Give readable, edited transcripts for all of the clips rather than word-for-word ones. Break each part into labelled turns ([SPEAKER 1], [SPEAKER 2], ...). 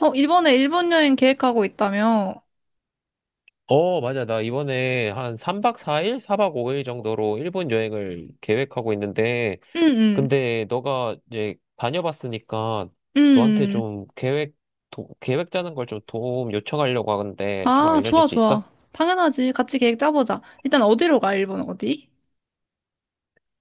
[SPEAKER 1] 어, 이번에 일본 여행 계획하고 있다며?
[SPEAKER 2] 어, 맞아. 나 이번에 한 3박 4일, 4박 5일 정도로 일본 여행을 계획하고 있는데,
[SPEAKER 1] 응, 응,
[SPEAKER 2] 근데 너가 이제 다녀봤으니까 너한테
[SPEAKER 1] 응.
[SPEAKER 2] 좀 계획, 계획 짜는 걸 좀 도움 요청하려고 하는데 좀
[SPEAKER 1] 아,
[SPEAKER 2] 알려줄
[SPEAKER 1] 좋아,
[SPEAKER 2] 수 있어?
[SPEAKER 1] 좋아. 당연하지. 같이 계획 짜보자. 일단 어디로 가, 일본 어디?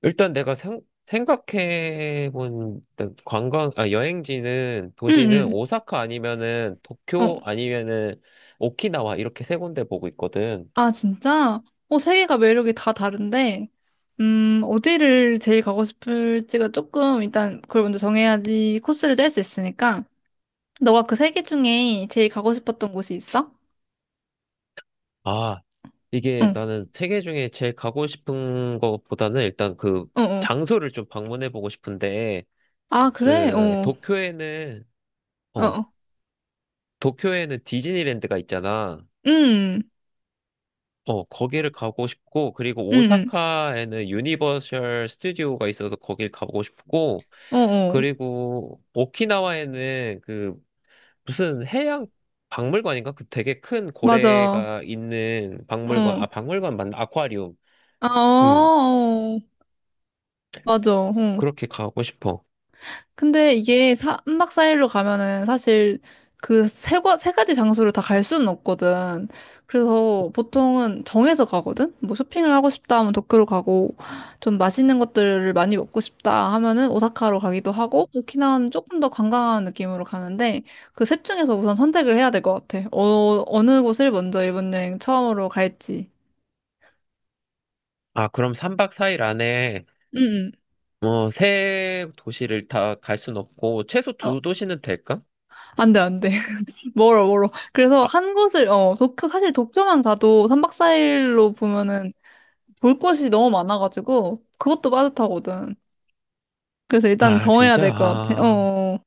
[SPEAKER 2] 일단 내가 생각해본 일단 관광, 아, 여행지는, 도시는
[SPEAKER 1] 응,
[SPEAKER 2] 오사카 아니면은
[SPEAKER 1] 응.
[SPEAKER 2] 도쿄
[SPEAKER 1] 어,
[SPEAKER 2] 아니면은 오키나와 이렇게 세 군데 보고 있거든.
[SPEAKER 1] 아, 진짜? 어, 세 개가 매력이 다 다른데, 어디를 제일 가고 싶을지가 조금, 일단 그걸 먼저 정해야지 코스를 짤 수 있으니까. 너가 그 세 개 중에 제일 가고 싶었던 곳이 있어?
[SPEAKER 2] 아, 이게
[SPEAKER 1] 응,
[SPEAKER 2] 나는 세계 중에 제일 가고 싶은 것보다는 일단 그
[SPEAKER 1] 어, 어.
[SPEAKER 2] 장소를 좀 방문해 보고 싶은데
[SPEAKER 1] 아, 그래?
[SPEAKER 2] 그 도쿄에는
[SPEAKER 1] 어,
[SPEAKER 2] 어
[SPEAKER 1] 어.
[SPEAKER 2] 도쿄에는 디즈니랜드가 있잖아.
[SPEAKER 1] 응,
[SPEAKER 2] 어 거기를 가고 싶고, 그리고
[SPEAKER 1] 응,
[SPEAKER 2] 오사카에는 유니버셜 스튜디오가 있어서 거길 가고 싶고,
[SPEAKER 1] 응. 어, 어.
[SPEAKER 2] 그리고 오키나와에는 그 무슨 해양 박물관인가? 그 되게 큰
[SPEAKER 1] 맞아.
[SPEAKER 2] 고래가 있는 박물관, 아
[SPEAKER 1] 어.
[SPEAKER 2] 박물관 맞나? 아쿠아리움.
[SPEAKER 1] 아,
[SPEAKER 2] 음
[SPEAKER 1] 맞아. 응.
[SPEAKER 2] 그렇게 가고 싶어.
[SPEAKER 1] 근데 이게 3박 4일로 가면은 사실 그 세 가지 장소를 다 갈 수는 없거든. 그래서 보통은 정해서 가거든? 뭐 쇼핑을 하고 싶다 하면 도쿄로 가고, 좀 맛있는 것들을 많이 먹고 싶다 하면은 오사카로 가기도 하고, 오키나와는 조금 더 관광하는 느낌으로 가는데, 그 셋 중에서 우선 선택을 해야 될 것 같아. 어느 곳을 먼저 일본 여행 처음으로 갈지.
[SPEAKER 2] 아, 그럼 3박 4일 안에
[SPEAKER 1] 응,
[SPEAKER 2] 뭐 세 도시를 다 갈 순 없고 최소
[SPEAKER 1] 응. 어,
[SPEAKER 2] 두 도시는 될까?
[SPEAKER 1] 안 돼, 안 돼. 멀어, 멀어. 그래서
[SPEAKER 2] 아,
[SPEAKER 1] 한 곳을, 어, 도쿄, 사실 도쿄만 가도 3박 4일로 보면은 볼 곳이 너무 많아가지고, 그것도 빠듯하거든. 그래서 일단
[SPEAKER 2] 아,
[SPEAKER 1] 정해야
[SPEAKER 2] 진짜?
[SPEAKER 1] 될 것 같아.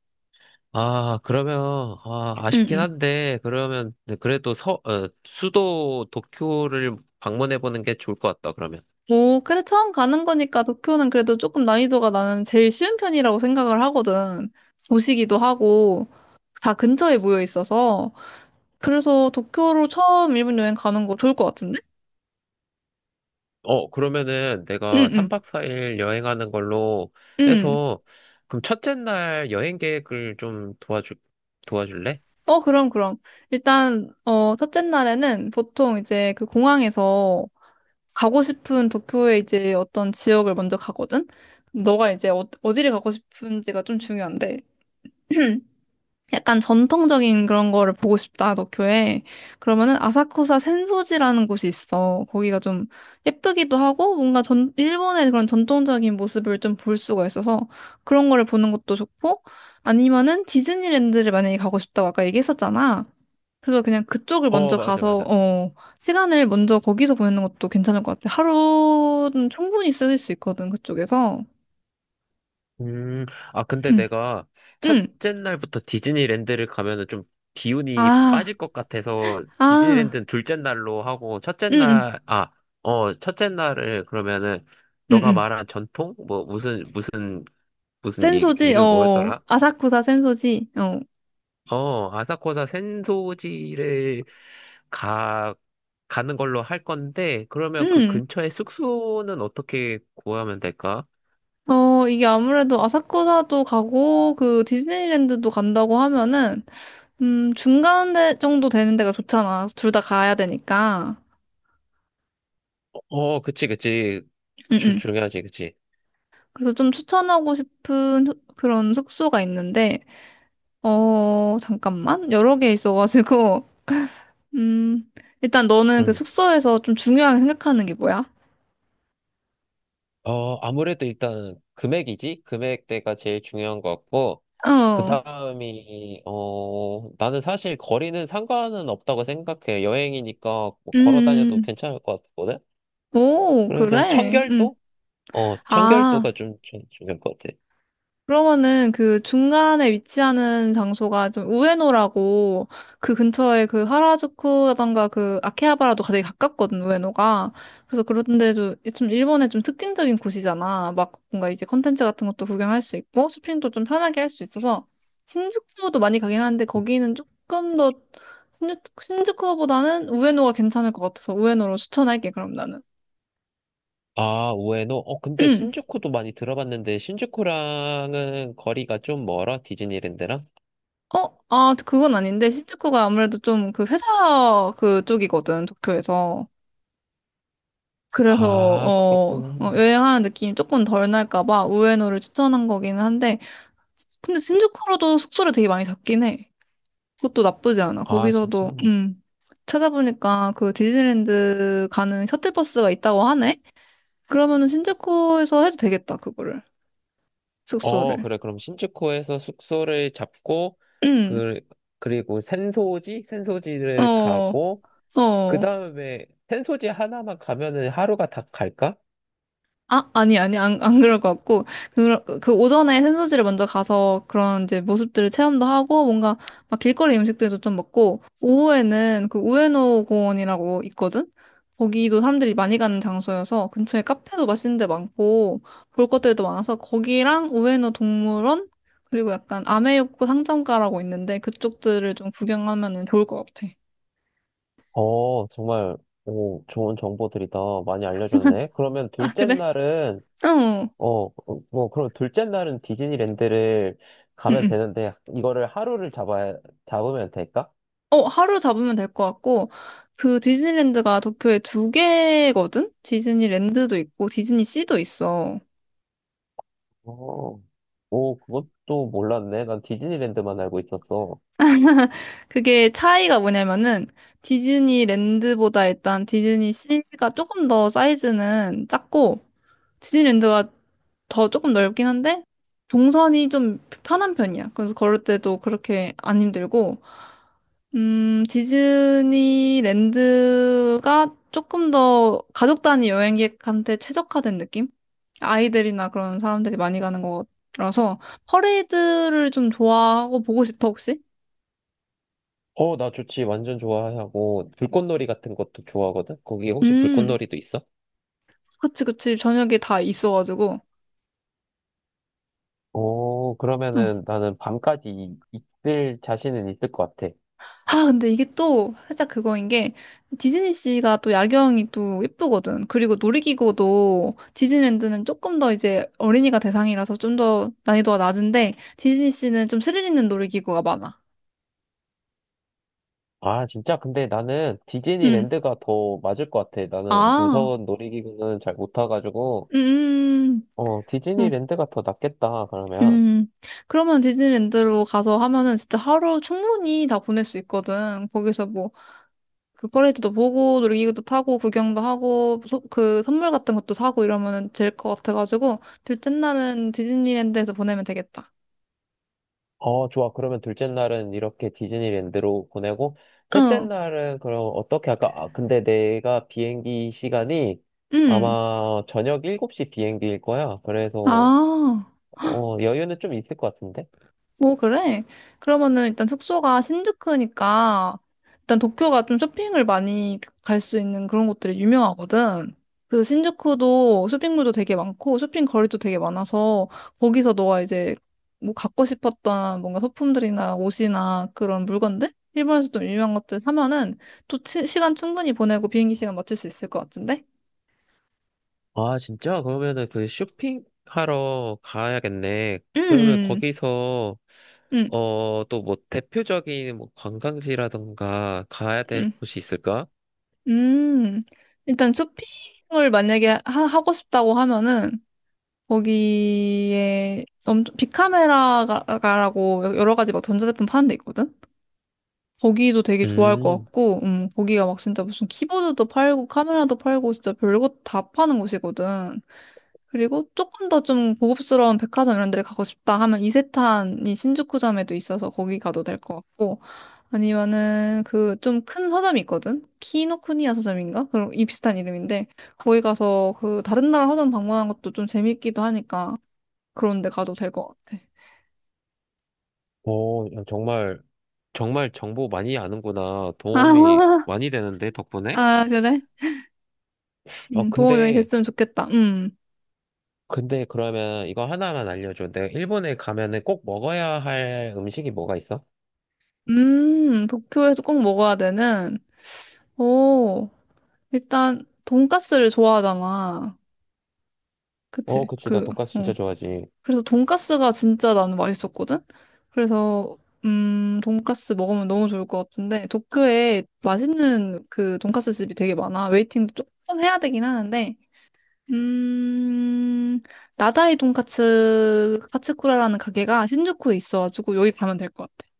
[SPEAKER 2] 아, 그러면 아,
[SPEAKER 1] 응,
[SPEAKER 2] 아쉽긴
[SPEAKER 1] 응.
[SPEAKER 2] 한데 그러면 네, 그래도 어, 수도 도쿄를 방문해 보는 게 좋을 것 같다. 그러면.
[SPEAKER 1] 오, 그래, 처음 가는 거니까 도쿄는 그래도 조금 난이도가 나는 제일 쉬운 편이라고 생각을 하거든. 도시기도 하고, 다 근처에 모여 있어서. 그래서 도쿄로 처음 일본 여행 가는 거 좋을 것 같은데?
[SPEAKER 2] 어, 그러면은
[SPEAKER 1] 응,
[SPEAKER 2] 내가
[SPEAKER 1] 응,
[SPEAKER 2] 3박 4일 여행하는 걸로
[SPEAKER 1] 응.
[SPEAKER 2] 해서 그럼 첫째 날 여행 계획을 좀 도와주 도와줄래?
[SPEAKER 1] 그럼. 일단, 어, 첫째 날에는 보통 이제 그 공항에서 가고 싶은 도쿄의 이제 어떤 지역을 먼저 가거든? 너가 이제 어, 어디를 가고 싶은지가 좀 중요한데. 약간 전통적인 그런 거를 보고 싶다, 도쿄에. 그러면은 아사쿠사 센소지라는 곳이 있어. 거기가 좀 예쁘기도 하고 일본의 그런 전통적인 모습을 좀 볼 수가 있어서 그런 거를 보는 것도 좋고 아니면은 디즈니랜드를 만약에 가고 싶다고 아까 얘기했었잖아. 그래서 그냥 그쪽을
[SPEAKER 2] 어,
[SPEAKER 1] 먼저
[SPEAKER 2] 맞아,
[SPEAKER 1] 가서,
[SPEAKER 2] 맞아.
[SPEAKER 1] 어, 시간을 먼저 거기서 보내는 것도 괜찮을 것 같아. 하루는 충분히 쓸 수 있거든, 그쪽에서.
[SPEAKER 2] 음, 아, 근데 내가
[SPEAKER 1] 응.
[SPEAKER 2] 첫째 날부터 디즈니랜드를 가면은 좀 기운이
[SPEAKER 1] 아,
[SPEAKER 2] 빠질 것 같아서
[SPEAKER 1] 아,
[SPEAKER 2] 디즈니랜드는 둘째 날로 하고
[SPEAKER 1] 응, 응,
[SPEAKER 2] 어, 첫째 날을 그러면은
[SPEAKER 1] 응,
[SPEAKER 2] 너가
[SPEAKER 1] 응.
[SPEAKER 2] 말한 전통? 뭐 무슨 얘기,
[SPEAKER 1] 센소지?
[SPEAKER 2] 이름
[SPEAKER 1] 어,
[SPEAKER 2] 뭐였더라?
[SPEAKER 1] 아사쿠사 센소지?
[SPEAKER 2] 어, 가, 가는 걸로 할 건데 그러면 그
[SPEAKER 1] 음.
[SPEAKER 2] 근처에 숙소는 어떻게 구하면 될까?
[SPEAKER 1] 어, 이게 아무래도 아사쿠사도 가고, 그 디즈니랜드도 간다고 하면은, 정도 되는 데가 좋잖아. 둘 다 가야 되니까.
[SPEAKER 2] 어, 그치, 그치.
[SPEAKER 1] 음, 음.
[SPEAKER 2] 중요하지, 그치.
[SPEAKER 1] 그래서 좀 추천하고 싶은 그런 숙소가 있는데, 어, 잠깐만. 여러 개 있어가지고, 음, 일단 너는 그
[SPEAKER 2] 응.
[SPEAKER 1] 숙소에서 좀 중요하게 생각하는 게 뭐야?
[SPEAKER 2] 어, 아무래도 일단 금액이지? 금액대가 제일 중요한 것 같고, 그
[SPEAKER 1] 어,
[SPEAKER 2] 다음이, 어, 나는 사실 거리는 상관은 없다고 생각해. 여행이니까 뭐
[SPEAKER 1] 음,
[SPEAKER 2] 걸어 다녀도
[SPEAKER 1] 음.
[SPEAKER 2] 괜찮을 것 같거든?
[SPEAKER 1] 오,
[SPEAKER 2] 그래서
[SPEAKER 1] 그래?
[SPEAKER 2] 청결도? 어,
[SPEAKER 1] 아.
[SPEAKER 2] 청결도가 좀, 좀 중요할 것 같아.
[SPEAKER 1] 그러면은 그 중간에 위치하는 장소가 좀 우에노라고 그 근처에 그 하라주쿠라던가 그 아케하바라도 되게 가깝거든, 우에노가. 그래서 그런데도 좀 일본의 좀 특징적인 곳이잖아. 막 뭔가 이제 컨텐츠 같은 것도 구경할 수 있고 쇼핑도 좀 편하게 할 수 있어서 신주쿠도 많이 가긴 하는데 거기는 조금 더 신주쿠보다는 우에노가 괜찮을 것 같아서 우에노로 추천할게, 그럼 나는.
[SPEAKER 2] 아, 우에노? 어, 근데 신주쿠도 많이 들어봤는데, 신주쿠랑은 거리가 좀 멀어? 디즈니랜드랑?
[SPEAKER 1] 어, 아, 그건 아닌데, 시즈코가 아무래도 좀 그 회사 그쪽이거든, 도쿄에서. 그래서,
[SPEAKER 2] 아,
[SPEAKER 1] 어,
[SPEAKER 2] 그렇구나.
[SPEAKER 1] 여행하는 느낌이 조금 덜 날까 봐 우에노를 추천한 거기는 한데, 근데 신주쿠로도 숙소를 되게 많이 잡긴 해. 그것도 나쁘지 않아.
[SPEAKER 2] 아, 진짜.
[SPEAKER 1] 거기서도, 찾아보니까 그 디즈니랜드 가는 셔틀버스가 있다고 하네? 그러면은 신주쿠에서 해도 되겠다, 그거를.
[SPEAKER 2] 어,
[SPEAKER 1] 숙소를.
[SPEAKER 2] 그래. 그럼 신주쿠에서 숙소를 잡고,
[SPEAKER 1] 음,
[SPEAKER 2] 그, 그리고 센소지? 센소지를
[SPEAKER 1] 어,
[SPEAKER 2] 가고, 그
[SPEAKER 1] 어.
[SPEAKER 2] 다음에 센소지 하나만 가면은 하루가 다 갈까?
[SPEAKER 1] 아, 아니, 안 그럴 것 같고, 그 오전에 센서지를 먼저 가서 그런 이제 모습들을 체험도 하고, 뭔가 막 길거리 음식들도 좀 먹고, 오후에는 그 우에노 공원이라고 있거든? 거기도 사람들이 많이 가는 장소여서 근처에 카페도 맛있는 데 많고, 볼 것들도 많아서 거기랑 우에노 동물원? 그리고 약간 아메요코 상점가라고 있는데 그쪽들을 좀 구경하면 좋을 것 같아.
[SPEAKER 2] 어, 정말, 오, 좋은 정보들이다. 많이 알려줬네. 그러면
[SPEAKER 1] 아,
[SPEAKER 2] 둘째
[SPEAKER 1] 그래?
[SPEAKER 2] 날은,
[SPEAKER 1] 어.
[SPEAKER 2] 어, 뭐, 그럼 둘째 날은 디즈니랜드를
[SPEAKER 1] 응,
[SPEAKER 2] 가면
[SPEAKER 1] 응.
[SPEAKER 2] 되는데, 잡으면 될까?
[SPEAKER 1] 어, 하루 잡으면 될 것 같고, 그 디즈니랜드가 도쿄에 두 개거든? 디즈니랜드도 있고, 디즈니씨도 있어.
[SPEAKER 2] 어, 오, 그것도 몰랐네. 난 디즈니랜드만 알고 있었어.
[SPEAKER 1] 그게 차이가 뭐냐면은, 디즈니랜드보다 일단 디즈니씨가 조금 더 사이즈는 작고, 디즈니랜드가 더 조금 넓긴 한데, 동선이 좀 편한 편이야. 그래서 걸을 때도 그렇게 안 힘들고, 디즈니랜드가 조금 더 가족 단위 여행객한테 최적화된 느낌? 아이들이나 그런 사람들이 많이 가는 거라서 퍼레이드를 좀 좋아하고 보고 싶어, 혹시?
[SPEAKER 2] 어, 나 좋지. 완전 좋아하고, 불꽃놀이 같은 것도 좋아하거든? 거기 혹시
[SPEAKER 1] 음,
[SPEAKER 2] 불꽃놀이도 있어?
[SPEAKER 1] 그치, 그치. 저녁에 다 있어가지고.
[SPEAKER 2] 어,
[SPEAKER 1] 응.
[SPEAKER 2] 그러면은 나는 밤까지 있을 자신은 있을 것 같아.
[SPEAKER 1] 아, 근데 이게 또 살짝 그거인 게 디즈니씨가 또 야경이 또 예쁘거든. 그리고 놀이기구도 디즈니랜드는 조금 더 이제 어린이가 대상이라서 좀 더 난이도가 낮은데 디즈니씨는 좀 스릴 있는 놀이기구가 많아.
[SPEAKER 2] 아, 진짜? 근데 나는
[SPEAKER 1] 음.
[SPEAKER 2] 디즈니랜드가 더 맞을 것 같아. 나는
[SPEAKER 1] 아.
[SPEAKER 2] 무서운 놀이기구는 잘 못 타가지고,
[SPEAKER 1] 음.
[SPEAKER 2] 어,
[SPEAKER 1] 음. 음. 어,
[SPEAKER 2] 디즈니랜드가 더 낫겠다, 그러면.
[SPEAKER 1] 음. 그러면 디즈니랜드로 가서 하면은 진짜 하루 충분히 다 보낼 수 있거든. 거기서 뭐 그 퍼레이드도 보고 놀이기구도 타고 구경도 하고 그 선물 같은 것도 사고 이러면 될 것 같아가지고 둘째 날은 디즈니랜드에서 보내면 되겠다.
[SPEAKER 2] 어, 좋아. 그러면 둘째 날은 이렇게 디즈니랜드로 보내고, 셋째
[SPEAKER 1] 응,
[SPEAKER 2] 날은 그럼 어떻게 할까? 아, 근데 내가 비행기 시간이
[SPEAKER 1] 응.
[SPEAKER 2] 아마 저녁 7시 비행기일 거야. 그래서,
[SPEAKER 1] 아,
[SPEAKER 2] 어, 여유는 좀 있을 것 같은데?
[SPEAKER 1] 오, 그래? 그러면은 일단 숙소가 신주쿠니까 일단 도쿄가 좀 쇼핑을 많이 갈 수 있는 그런 곳들이 유명하거든. 그래서 신주쿠도 쇼핑몰도 되게 많고 쇼핑 거리도 되게 많아서 거기서 너가 이제 뭐 갖고 싶었던 뭔가 소품들이나 옷이나 그런 물건들? 일본에서 좀 유명한 것들 사면은 또 시간 충분히 보내고 비행기 시간 맞출 수 있을 것 같은데?
[SPEAKER 2] 아, 진짜? 그러면은 그 쇼핑하러 가야겠네. 그러면
[SPEAKER 1] 음,
[SPEAKER 2] 거기서,
[SPEAKER 1] 음,
[SPEAKER 2] 어, 또 뭐 대표적인 뭐 관광지라던가 가야 될
[SPEAKER 1] 음,
[SPEAKER 2] 곳이 있을까?
[SPEAKER 1] 음. 일단 쇼핑을 만약에 하고 싶다고 하면은 거기에 엄 빅카메라가라고 여러 가지 막 전자제품 파는 데 있거든? 거기도 되게 좋아할 것
[SPEAKER 2] 음,
[SPEAKER 1] 같고, 거기가 막 진짜 무슨 키보드도 팔고, 카메라도 팔고, 진짜 별것 다 파는 곳이거든. 그리고 조금 더 좀 고급스러운 백화점 이런 데를 가고 싶다 하면 이세탄이 신주쿠점에도 있어서 거기 가도 될 것 같고, 아니면은 그 좀 큰 서점이 있거든? 키노쿠니야 서점인가? 그런 이 비슷한 이름인데, 거기 가서 그 다른 나라 서점 방문하는 것도 좀 재밌기도 하니까 그런 데 가도 될 것 같아.
[SPEAKER 2] 오, 정말 정말 정보 많이 아는구나. 도움이
[SPEAKER 1] 아,
[SPEAKER 2] 많이 되는데, 덕분에?
[SPEAKER 1] 그래?
[SPEAKER 2] 어,
[SPEAKER 1] 도움이 많이
[SPEAKER 2] 근데,
[SPEAKER 1] 됐으면 좋겠다.
[SPEAKER 2] 근데 그러면 이거 하나만 알려줘. 내가 일본에 가면은 꼭 먹어야 할 음식이 뭐가 있어?
[SPEAKER 1] 도쿄에서 꼭 먹어야 되는, 오, 일단, 돈까스를 좋아하잖아.
[SPEAKER 2] 어,
[SPEAKER 1] 그치?
[SPEAKER 2] 그치. 나 돈까스
[SPEAKER 1] 어.
[SPEAKER 2] 진짜 좋아하지.
[SPEAKER 1] 그래서 돈까스가 진짜 나는 맛있었거든? 그래서, 돈까스 먹으면 너무 좋을 것 같은데, 도쿄에 맛있는 그 돈까스 집이 되게 많아. 웨이팅도 조금 해야 되긴 하는데, 음, 나다이 돈까츠 카츠쿠라라는 가게가 신주쿠에 있어가지고, 여기 가면 될 것 같아.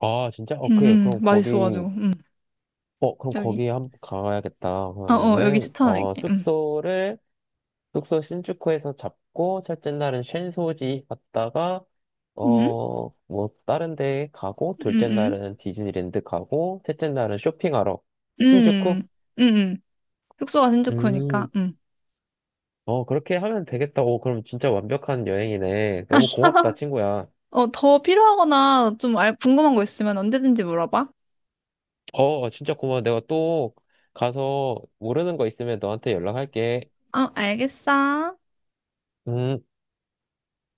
[SPEAKER 2] 아, 진짜? 오케이.
[SPEAKER 1] 맛있어가지고,
[SPEAKER 2] 어, 그럼
[SPEAKER 1] 여기.
[SPEAKER 2] 거기 한, 가야겠다.
[SPEAKER 1] 여기
[SPEAKER 2] 그러면은, 어,
[SPEAKER 1] 추천할게. 응.
[SPEAKER 2] 숙소 신주쿠에서 잡고 첫째 날은 쉔소지 갔다가
[SPEAKER 1] 응?
[SPEAKER 2] 어 뭐 다른 데 가고
[SPEAKER 1] 응,
[SPEAKER 2] 둘째
[SPEAKER 1] 응.
[SPEAKER 2] 날은 디즈니랜드 가고 셋째 날은 쇼핑하러 신주쿠?
[SPEAKER 1] 응, 응. 응. 숙소가 신주쿠니까.
[SPEAKER 2] 음,
[SPEAKER 1] 응.
[SPEAKER 2] 어 그렇게 하면 되겠다. 오 그럼 진짜 완벽한 여행이네. 너무 고맙다 친구야.
[SPEAKER 1] 어, 더 필요하거나 좀 궁금한 거 있으면 언제든지 물어봐.
[SPEAKER 2] 어 진짜 고마워. 내가 또 가서 모르는 거 있으면 너한테 연락할게.
[SPEAKER 1] 어, 알겠어.
[SPEAKER 2] 음.